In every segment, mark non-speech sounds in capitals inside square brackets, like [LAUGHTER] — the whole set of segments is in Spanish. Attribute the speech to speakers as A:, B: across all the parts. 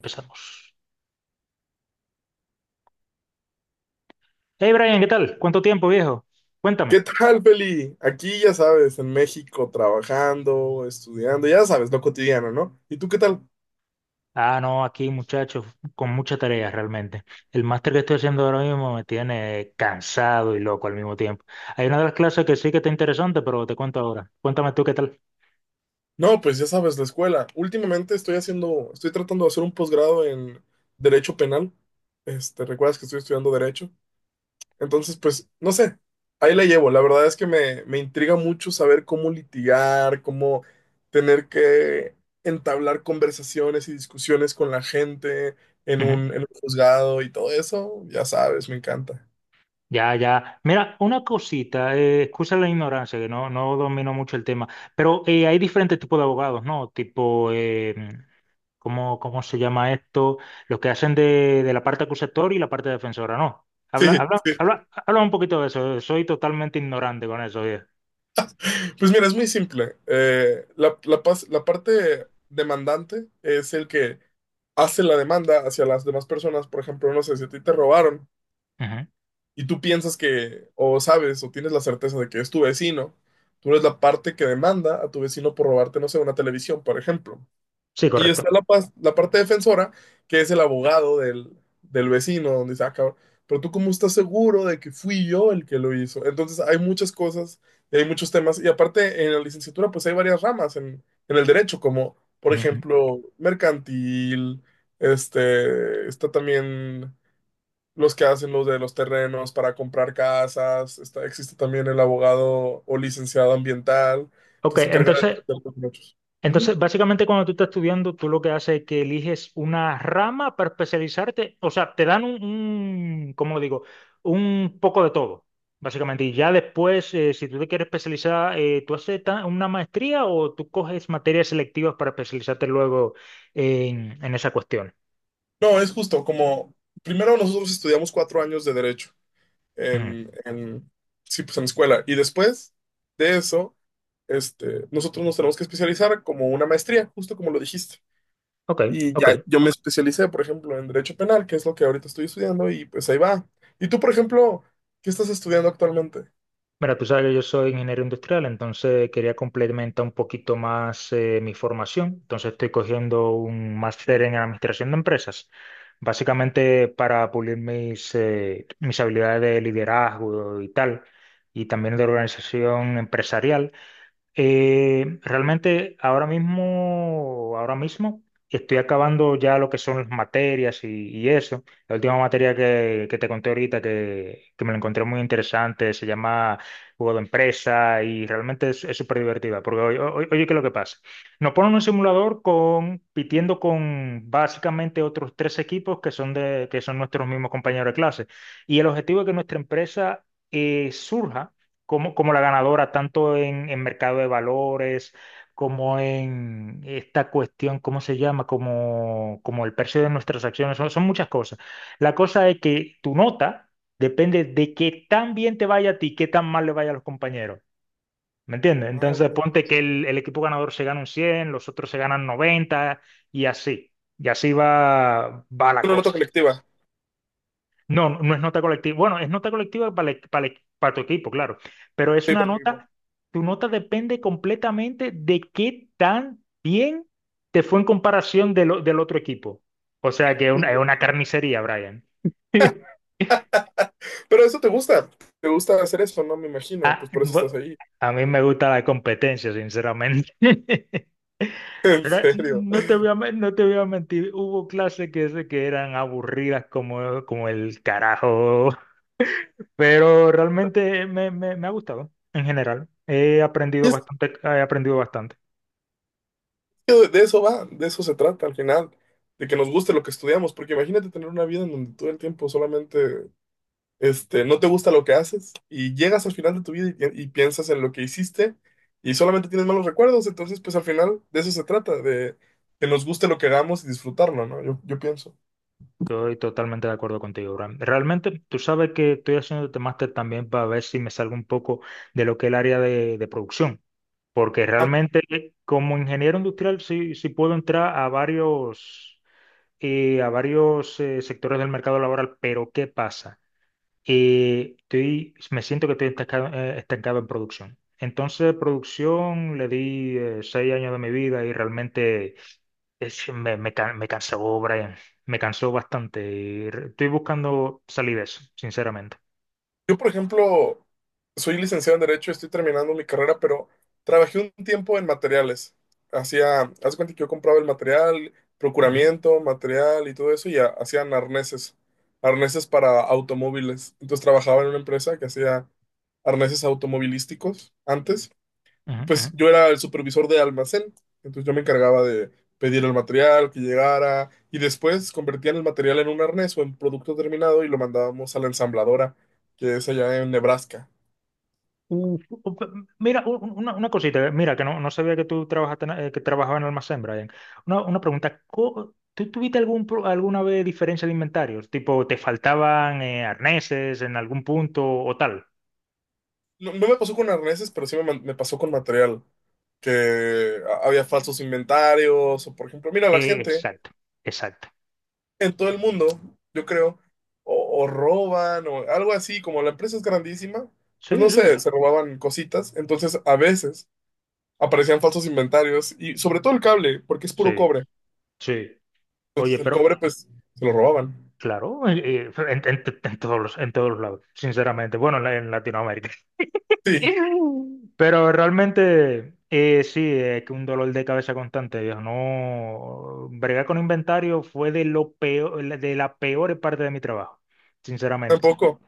A: Empezamos. Hey Brian, ¿qué tal? ¿Cuánto tiempo, viejo? Cuéntame.
B: ¿Qué tal, Feli? Aquí, ya sabes, en México, trabajando, estudiando, ya sabes, lo cotidiano, ¿no? ¿Y tú qué tal?
A: Ah, no, aquí muchachos, con mucha tarea realmente. El máster que estoy haciendo ahora mismo me tiene cansado y loco al mismo tiempo. Hay una de las clases que sí que está interesante, pero te cuento ahora. Cuéntame tú qué tal.
B: No, pues ya sabes, la escuela. Últimamente estoy tratando de hacer un posgrado en Derecho Penal. ¿Recuerdas que estoy estudiando Derecho? Entonces, pues, no sé, ahí la llevo. La verdad es que me intriga mucho saber cómo litigar, cómo tener que entablar conversaciones y discusiones con la gente en en un juzgado y todo eso. Ya sabes, me encanta.
A: Ya, ya. Mira, una cosita, excusa la ignorancia, que no, no domino mucho el tema, pero hay diferentes tipos de abogados, ¿no? Tipo, ¿cómo, cómo se llama esto? Los que hacen de la parte acusatoria y la parte defensora, ¿no?
B: Sí,
A: Habla, habla,
B: sí.
A: habla, habla un poquito de eso, soy totalmente ignorante con eso.
B: Pues mira, es muy simple. La parte demandante es el que hace la demanda hacia las demás personas. Por ejemplo, no sé, si a ti te robaron
A: Ujú.
B: y tú piensas que, o sabes, o tienes la certeza de que es tu vecino, tú eres la parte que demanda a tu vecino por robarte, no sé, una televisión, por ejemplo.
A: Sí,
B: Y
A: correcto.
B: está la parte defensora, que es el abogado del vecino, donde dice, ah, cabrón, pero tú cómo estás seguro de que fui yo el que lo hizo. Entonces hay muchas cosas, y hay muchos temas, y aparte en la licenciatura pues hay varias ramas en, el derecho, como por
A: Ujú.
B: ejemplo mercantil, está también los que hacen los de los terrenos para comprar casas, está, existe también el abogado o licenciado ambiental,
A: Ok,
B: que se encarga de
A: entonces,
B: defender los derechos.
A: entonces, básicamente cuando tú estás estudiando, tú lo que haces es que eliges una rama para especializarte, o sea, te dan un, ¿cómo lo digo? Un poco de todo, básicamente. Y ya después, si tú te quieres especializar, ¿tú haces una maestría o tú coges materias selectivas para especializarte luego en esa cuestión?
B: No, es justo, como primero nosotros estudiamos 4 años de derecho
A: Ujú.
B: en, en- sí, pues en escuela, y después de eso, nosotros nos tenemos que especializar como una maestría, justo como lo dijiste.
A: Ok,
B: Y
A: ok.
B: ya yo me especialicé, por ejemplo, en derecho penal, que es lo que ahorita estoy estudiando, y pues ahí va. Y tú, por ejemplo, ¿qué estás estudiando actualmente?
A: Mira, tú sabes que yo soy ingeniero industrial, entonces quería complementar un poquito más mi formación. Entonces estoy cogiendo un máster en administración de empresas, básicamente para pulir mis, mis habilidades de liderazgo y tal, y también de organización empresarial. Realmente ahora mismo estoy acabando ya lo que son las materias y eso. La última materia que te conté ahorita que me la encontré muy interesante se llama Juego de Empresa y realmente es súper divertida porque oye, ¿qué es lo que pasa? Nos ponen un simulador compitiendo con básicamente otros tres equipos que son, que son nuestros mismos compañeros de clase y el objetivo es que nuestra empresa surja como la ganadora, tanto en mercado de valores, como en esta cuestión, ¿cómo se llama? Como el precio de nuestras acciones, son muchas cosas. La cosa es que tu nota depende de qué tan bien te vaya a ti, qué tan mal le vaya a los compañeros. ¿Me entiendes?
B: Ah,
A: Entonces
B: ok.
A: ponte que el equipo ganador se gana un 100, los otros se ganan 90 y así. Y así va la
B: Una nota
A: cosa.
B: colectiva.
A: No, no, no es nota colectiva. Bueno, es nota colectiva para tu equipo, claro. Pero es
B: Sí,
A: una
B: por ejemplo.
A: nota, tu nota depende completamente de qué tan bien te fue en comparación del otro equipo. O sea que es una carnicería, Brian. [LAUGHS]
B: Pero eso te gusta hacer eso, ¿no? Me imagino,
A: Ah,
B: pues por eso estás ahí.
A: a mí me gusta la competencia, sinceramente. [LAUGHS] Pero
B: [LAUGHS]
A: no te voy no te voy a mentir, hubo clases que eran aburridas como, como el carajo. Pero realmente me ha gustado en general. He aprendido
B: En serio.
A: bastante, he aprendido bastante.
B: De eso va, de eso se trata al final, de que nos guste lo que estudiamos, porque imagínate tener una vida en donde todo el tiempo solamente, no te gusta lo que haces y llegas al final de tu vida y piensas en lo que hiciste y solamente tienes malos recuerdos, entonces pues al final de eso se trata, de que nos guste lo que hagamos y disfrutarlo, ¿no? Yo pienso.
A: Estoy totalmente de acuerdo contigo, Bram. Realmente, tú sabes que estoy haciendo este máster también para ver si me salgo un poco de lo que es el área de producción. Porque realmente, como ingeniero industrial, sí, sí puedo entrar a varios sectores del mercado laboral. Pero, ¿qué pasa? Y estoy, me siento que estoy estancado, estancado en producción. Entonces, producción le di 6 años de mi vida y realmente me cansó, Brian. Me cansó bastante. Y estoy buscando salir de eso, sinceramente.
B: Yo, por ejemplo, soy licenciado en Derecho, estoy terminando mi carrera, pero trabajé un tiempo en materiales. Haz de cuenta que yo compraba el material,
A: Ujú,
B: procuramiento, material y todo eso, y hacían arneses, arneses para automóviles. Entonces trabajaba en una empresa que hacía arneses automovilísticos antes.
A: ujú,
B: Pues
A: ujú.
B: yo era el supervisor de almacén, entonces yo me encargaba de pedir el material que llegara y después convertían el material en un arnés o en producto terminado y lo mandábamos a la ensambladora, que es allá en Nebraska.
A: Uf, uf, mira, una cosita, mira, que no, no sabía que tú trabajaste, en- que trabajabas en almacén, Brian. Una pregunta, ¿tú tuviste algún, alguna vez diferencia de inventarios? Tipo, ¿te faltaban arneses en algún punto o tal?
B: No, no me pasó con arneses, pero sí me pasó con material, que había falsos inventarios o por ejemplo, mira la gente
A: Exacto, exacto.
B: en todo el mundo, yo creo, o roban o algo así, como la empresa es grandísima,
A: Sí,
B: pues no
A: sí,
B: sé, se robaban cositas, entonces a veces aparecían falsos inventarios y sobre todo el cable, porque es puro
A: sí,
B: cobre,
A: sí. Oye,
B: entonces el
A: pero,
B: cobre pues se lo robaban.
A: claro, en todos los lados, sinceramente. Bueno, en Latinoamérica. [LAUGHS]
B: Sí,
A: Pero realmente, sí, es que un dolor de cabeza constante, viejo. No, bregar con inventario fue de lo peor, de la peor parte de mi trabajo, sinceramente.
B: tampoco.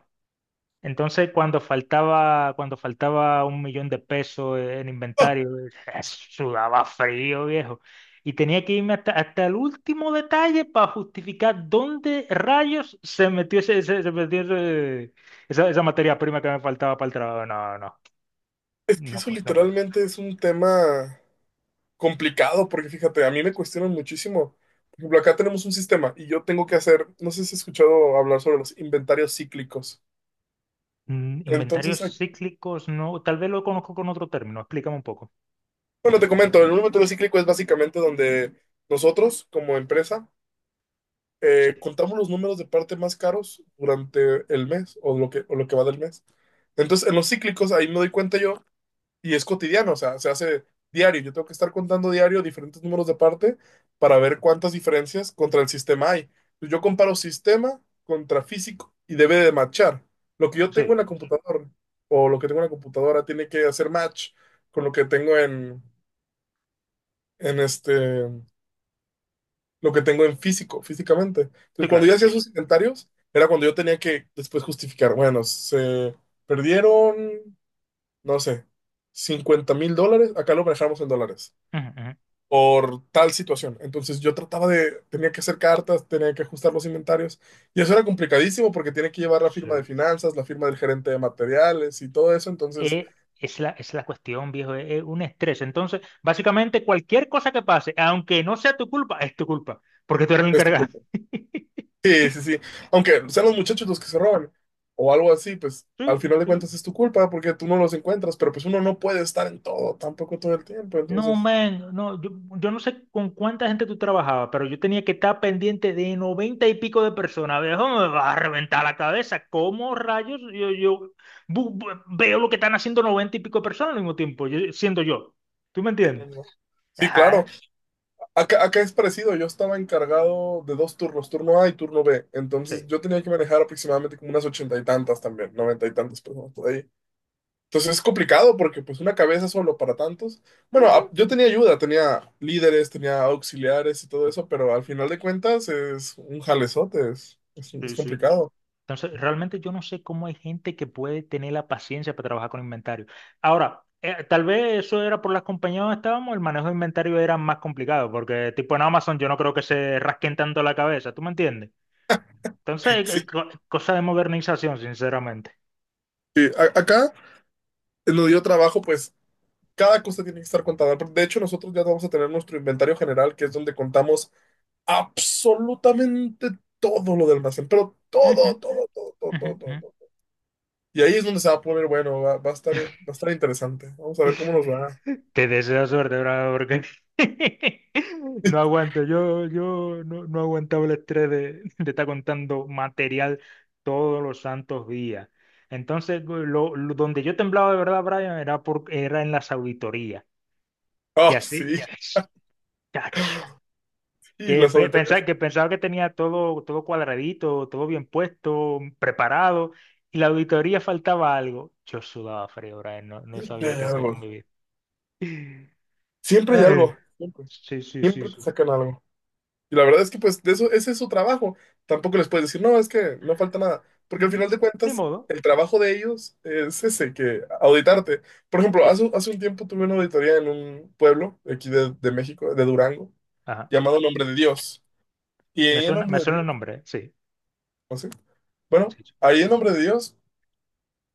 A: Entonces, cuando faltaba 1 millón de pesos en
B: Ah,
A: inventario, [LAUGHS] sudaba frío, viejo. Y tenía que irme hasta, hasta el último detalle para justificar dónde rayos se metió esa materia prima que me faltaba para el trabajo. No, no,
B: es que eso
A: no puede.
B: literalmente es un tema complicado, porque fíjate, a mí me cuestionan muchísimo. Por ejemplo, acá tenemos un sistema y yo tengo que hacer, no sé si has escuchado hablar sobre los inventarios cíclicos.
A: Mm,
B: Entonces,
A: inventarios cíclicos, no, tal vez lo conozco con otro término, explícame un poco.
B: bueno, te comento, el número de cíclico es básicamente donde nosotros, como empresa,
A: Sí,
B: contamos los números de parte más caros durante el mes o o lo que va del mes. Entonces, en los cíclicos, ahí me doy cuenta yo, y es cotidiano, o sea, se hace diario. Yo tengo que estar contando diario diferentes números de parte para ver cuántas diferencias contra el sistema hay. Yo comparo sistema contra físico y debe de matchar. Lo que yo tengo
A: sí,
B: en la computadora o lo que tengo en la computadora tiene que hacer match con lo que tengo en en este, lo que tengo en físico, físicamente. Entonces,
A: sí,
B: cuando
A: claro,
B: yo hacía
A: sí.
B: sus inventarios, era cuando yo tenía que después justificar, bueno, se perdieron, no sé, $50,000, acá lo manejamos en dólares,
A: Ujú, ujú,
B: por tal situación. Entonces, tenía que hacer cartas, tenía que ajustar los inventarios, y eso era complicadísimo porque tiene que llevar la firma de
A: sí.
B: finanzas, la firma del gerente de materiales y todo eso, entonces,
A: Eh, es la cuestión, viejo, es un estrés. Entonces, básicamente cualquier cosa que pase, aunque no sea tu culpa, es tu culpa, porque tú eres el
B: es tu
A: encargado.
B: culpa.
A: [LAUGHS]
B: Sí, sí, sí. Aunque sean los muchachos los que se roban o algo así, pues al
A: Sí,
B: final de
A: sí,
B: cuentas es tu culpa porque tú no los encuentras, pero pues uno no puede estar en todo, tampoco todo el tiempo,
A: no,
B: entonces,
A: man, no, yo no sé con cuánta gente tú trabajabas, pero yo tenía que estar pendiente de 90 y pico de personas. Viejo, me va a reventar la cabeza. ¿Cómo rayos yo veo lo que están haciendo 90 y pico de personas al mismo tiempo, siendo yo? ¿Tú me
B: sí, no,
A: entiendes?
B: no. Sí, claro.
A: Ajá,
B: Acá, acá es parecido, yo estaba encargado de dos turnos, turno A y turno B,
A: sí.
B: entonces yo tenía que manejar aproximadamente como unas 80 y tantas también, 90 y tantas personas. Entonces es complicado porque pues una cabeza solo para tantos. Bueno,
A: Ujú,
B: yo tenía ayuda, tenía líderes, tenía auxiliares y todo eso, pero al final de cuentas es un jalezote, es
A: sí, sí.
B: complicado.
A: Entonces, realmente yo no sé cómo hay gente que puede tener la paciencia para trabajar con inventario. Ahora, tal vez eso era por las compañías donde estábamos, el manejo de inventario era más complicado, porque tipo en Amazon yo no creo que se rasquen tanto la cabeza, ¿tú me entiendes?
B: [LAUGHS]
A: Entonces,
B: Sí,
A: cosa de modernización, sinceramente.
B: sí, acá nos dio trabajo, pues cada cosa tiene que estar contada. De hecho, nosotros ya vamos a tener nuestro inventario general, que es donde contamos absolutamente todo lo del almacén, pero
A: Ujú,
B: todo, todo, todo, todo,
A: ujú,
B: todo, todo,
A: ujú.
B: todo. Y ahí es donde se va a poner, bueno, va a estar interesante. Vamos a ver cómo nos va.
A: Te deseo suerte, bravo, porque [LAUGHS] no
B: [LAUGHS]
A: aguanto. Yo no, no aguantaba el estrés de estar contando material todos los santos días. Entonces, donde yo temblaba de verdad, Brian, era en las auditorías. Que
B: Oh,
A: así,
B: sí.
A: chacho,
B: Y las auditorías,
A: pensaba que tenía todo, todo cuadradito, todo bien puesto, preparado, y la auditoría faltaba algo. Yo sudaba frío, Brian, no, no
B: siempre
A: sabía
B: hay
A: qué hacer con
B: algo,
A: mi vida. [LAUGHS]
B: siempre hay
A: Ay,
B: algo, siempre,
A: sí, sí, sí,
B: siempre te
A: sí.
B: sacan algo. Y la verdad es que pues de eso, ese es su trabajo. Tampoco les puedes decir, no, es que no falta nada. Porque al
A: Mm,
B: final de
A: ni
B: cuentas,
A: modo.
B: el trabajo de ellos es ese, que auditarte. Por ejemplo,
A: Sí.
B: hace un tiempo tuve una auditoría en un pueblo de aquí de México, de Durango,
A: Ajá.
B: llamado Nombre de Dios. Y ahí en Nombre
A: Me
B: de
A: suena el
B: Dios,
A: nombre, ¿eh? Sí.
B: no sé. Bueno,
A: Sí, sí.
B: ahí en Nombre de Dios,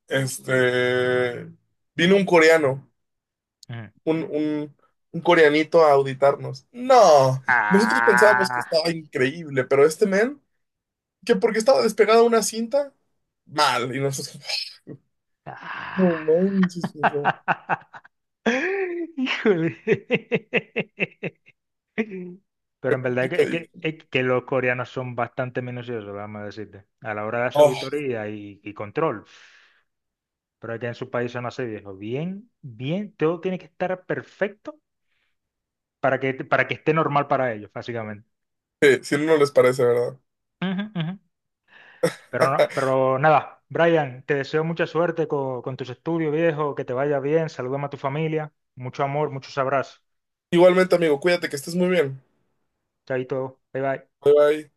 B: este, vino un coreano
A: Ujú.
B: un, un, un coreanito a auditarnos. No, nosotros pensábamos que
A: Ah.
B: estaba increíble, pero este men, que porque estaba despegada una cinta, mal. Y nosotros, "Ah, no
A: Ah.
B: manches, no,
A: [LAUGHS] Híjole. Pero en verdad
B: complicadito".
A: es que los coreanos son bastante minuciosos, vamos a decirte, a la hora de su
B: Oh,
A: auditoría y control. Pero es que en su país son así, viejo. Bien, bien, todo tiene que estar perfecto para que esté normal para ellos, básicamente.
B: sí, si no, no les parece, ¿verdad?
A: Ujú, ujú. Pero,
B: [LAUGHS]
A: pero nada, Brian, te deseo mucha suerte con tus estudios, viejo, que te vaya bien, salúdame a tu familia, mucho amor, muchos abrazos.
B: Igualmente, amigo, cuídate que estés muy bien.
A: Chaito, bye bye.
B: Bye bye.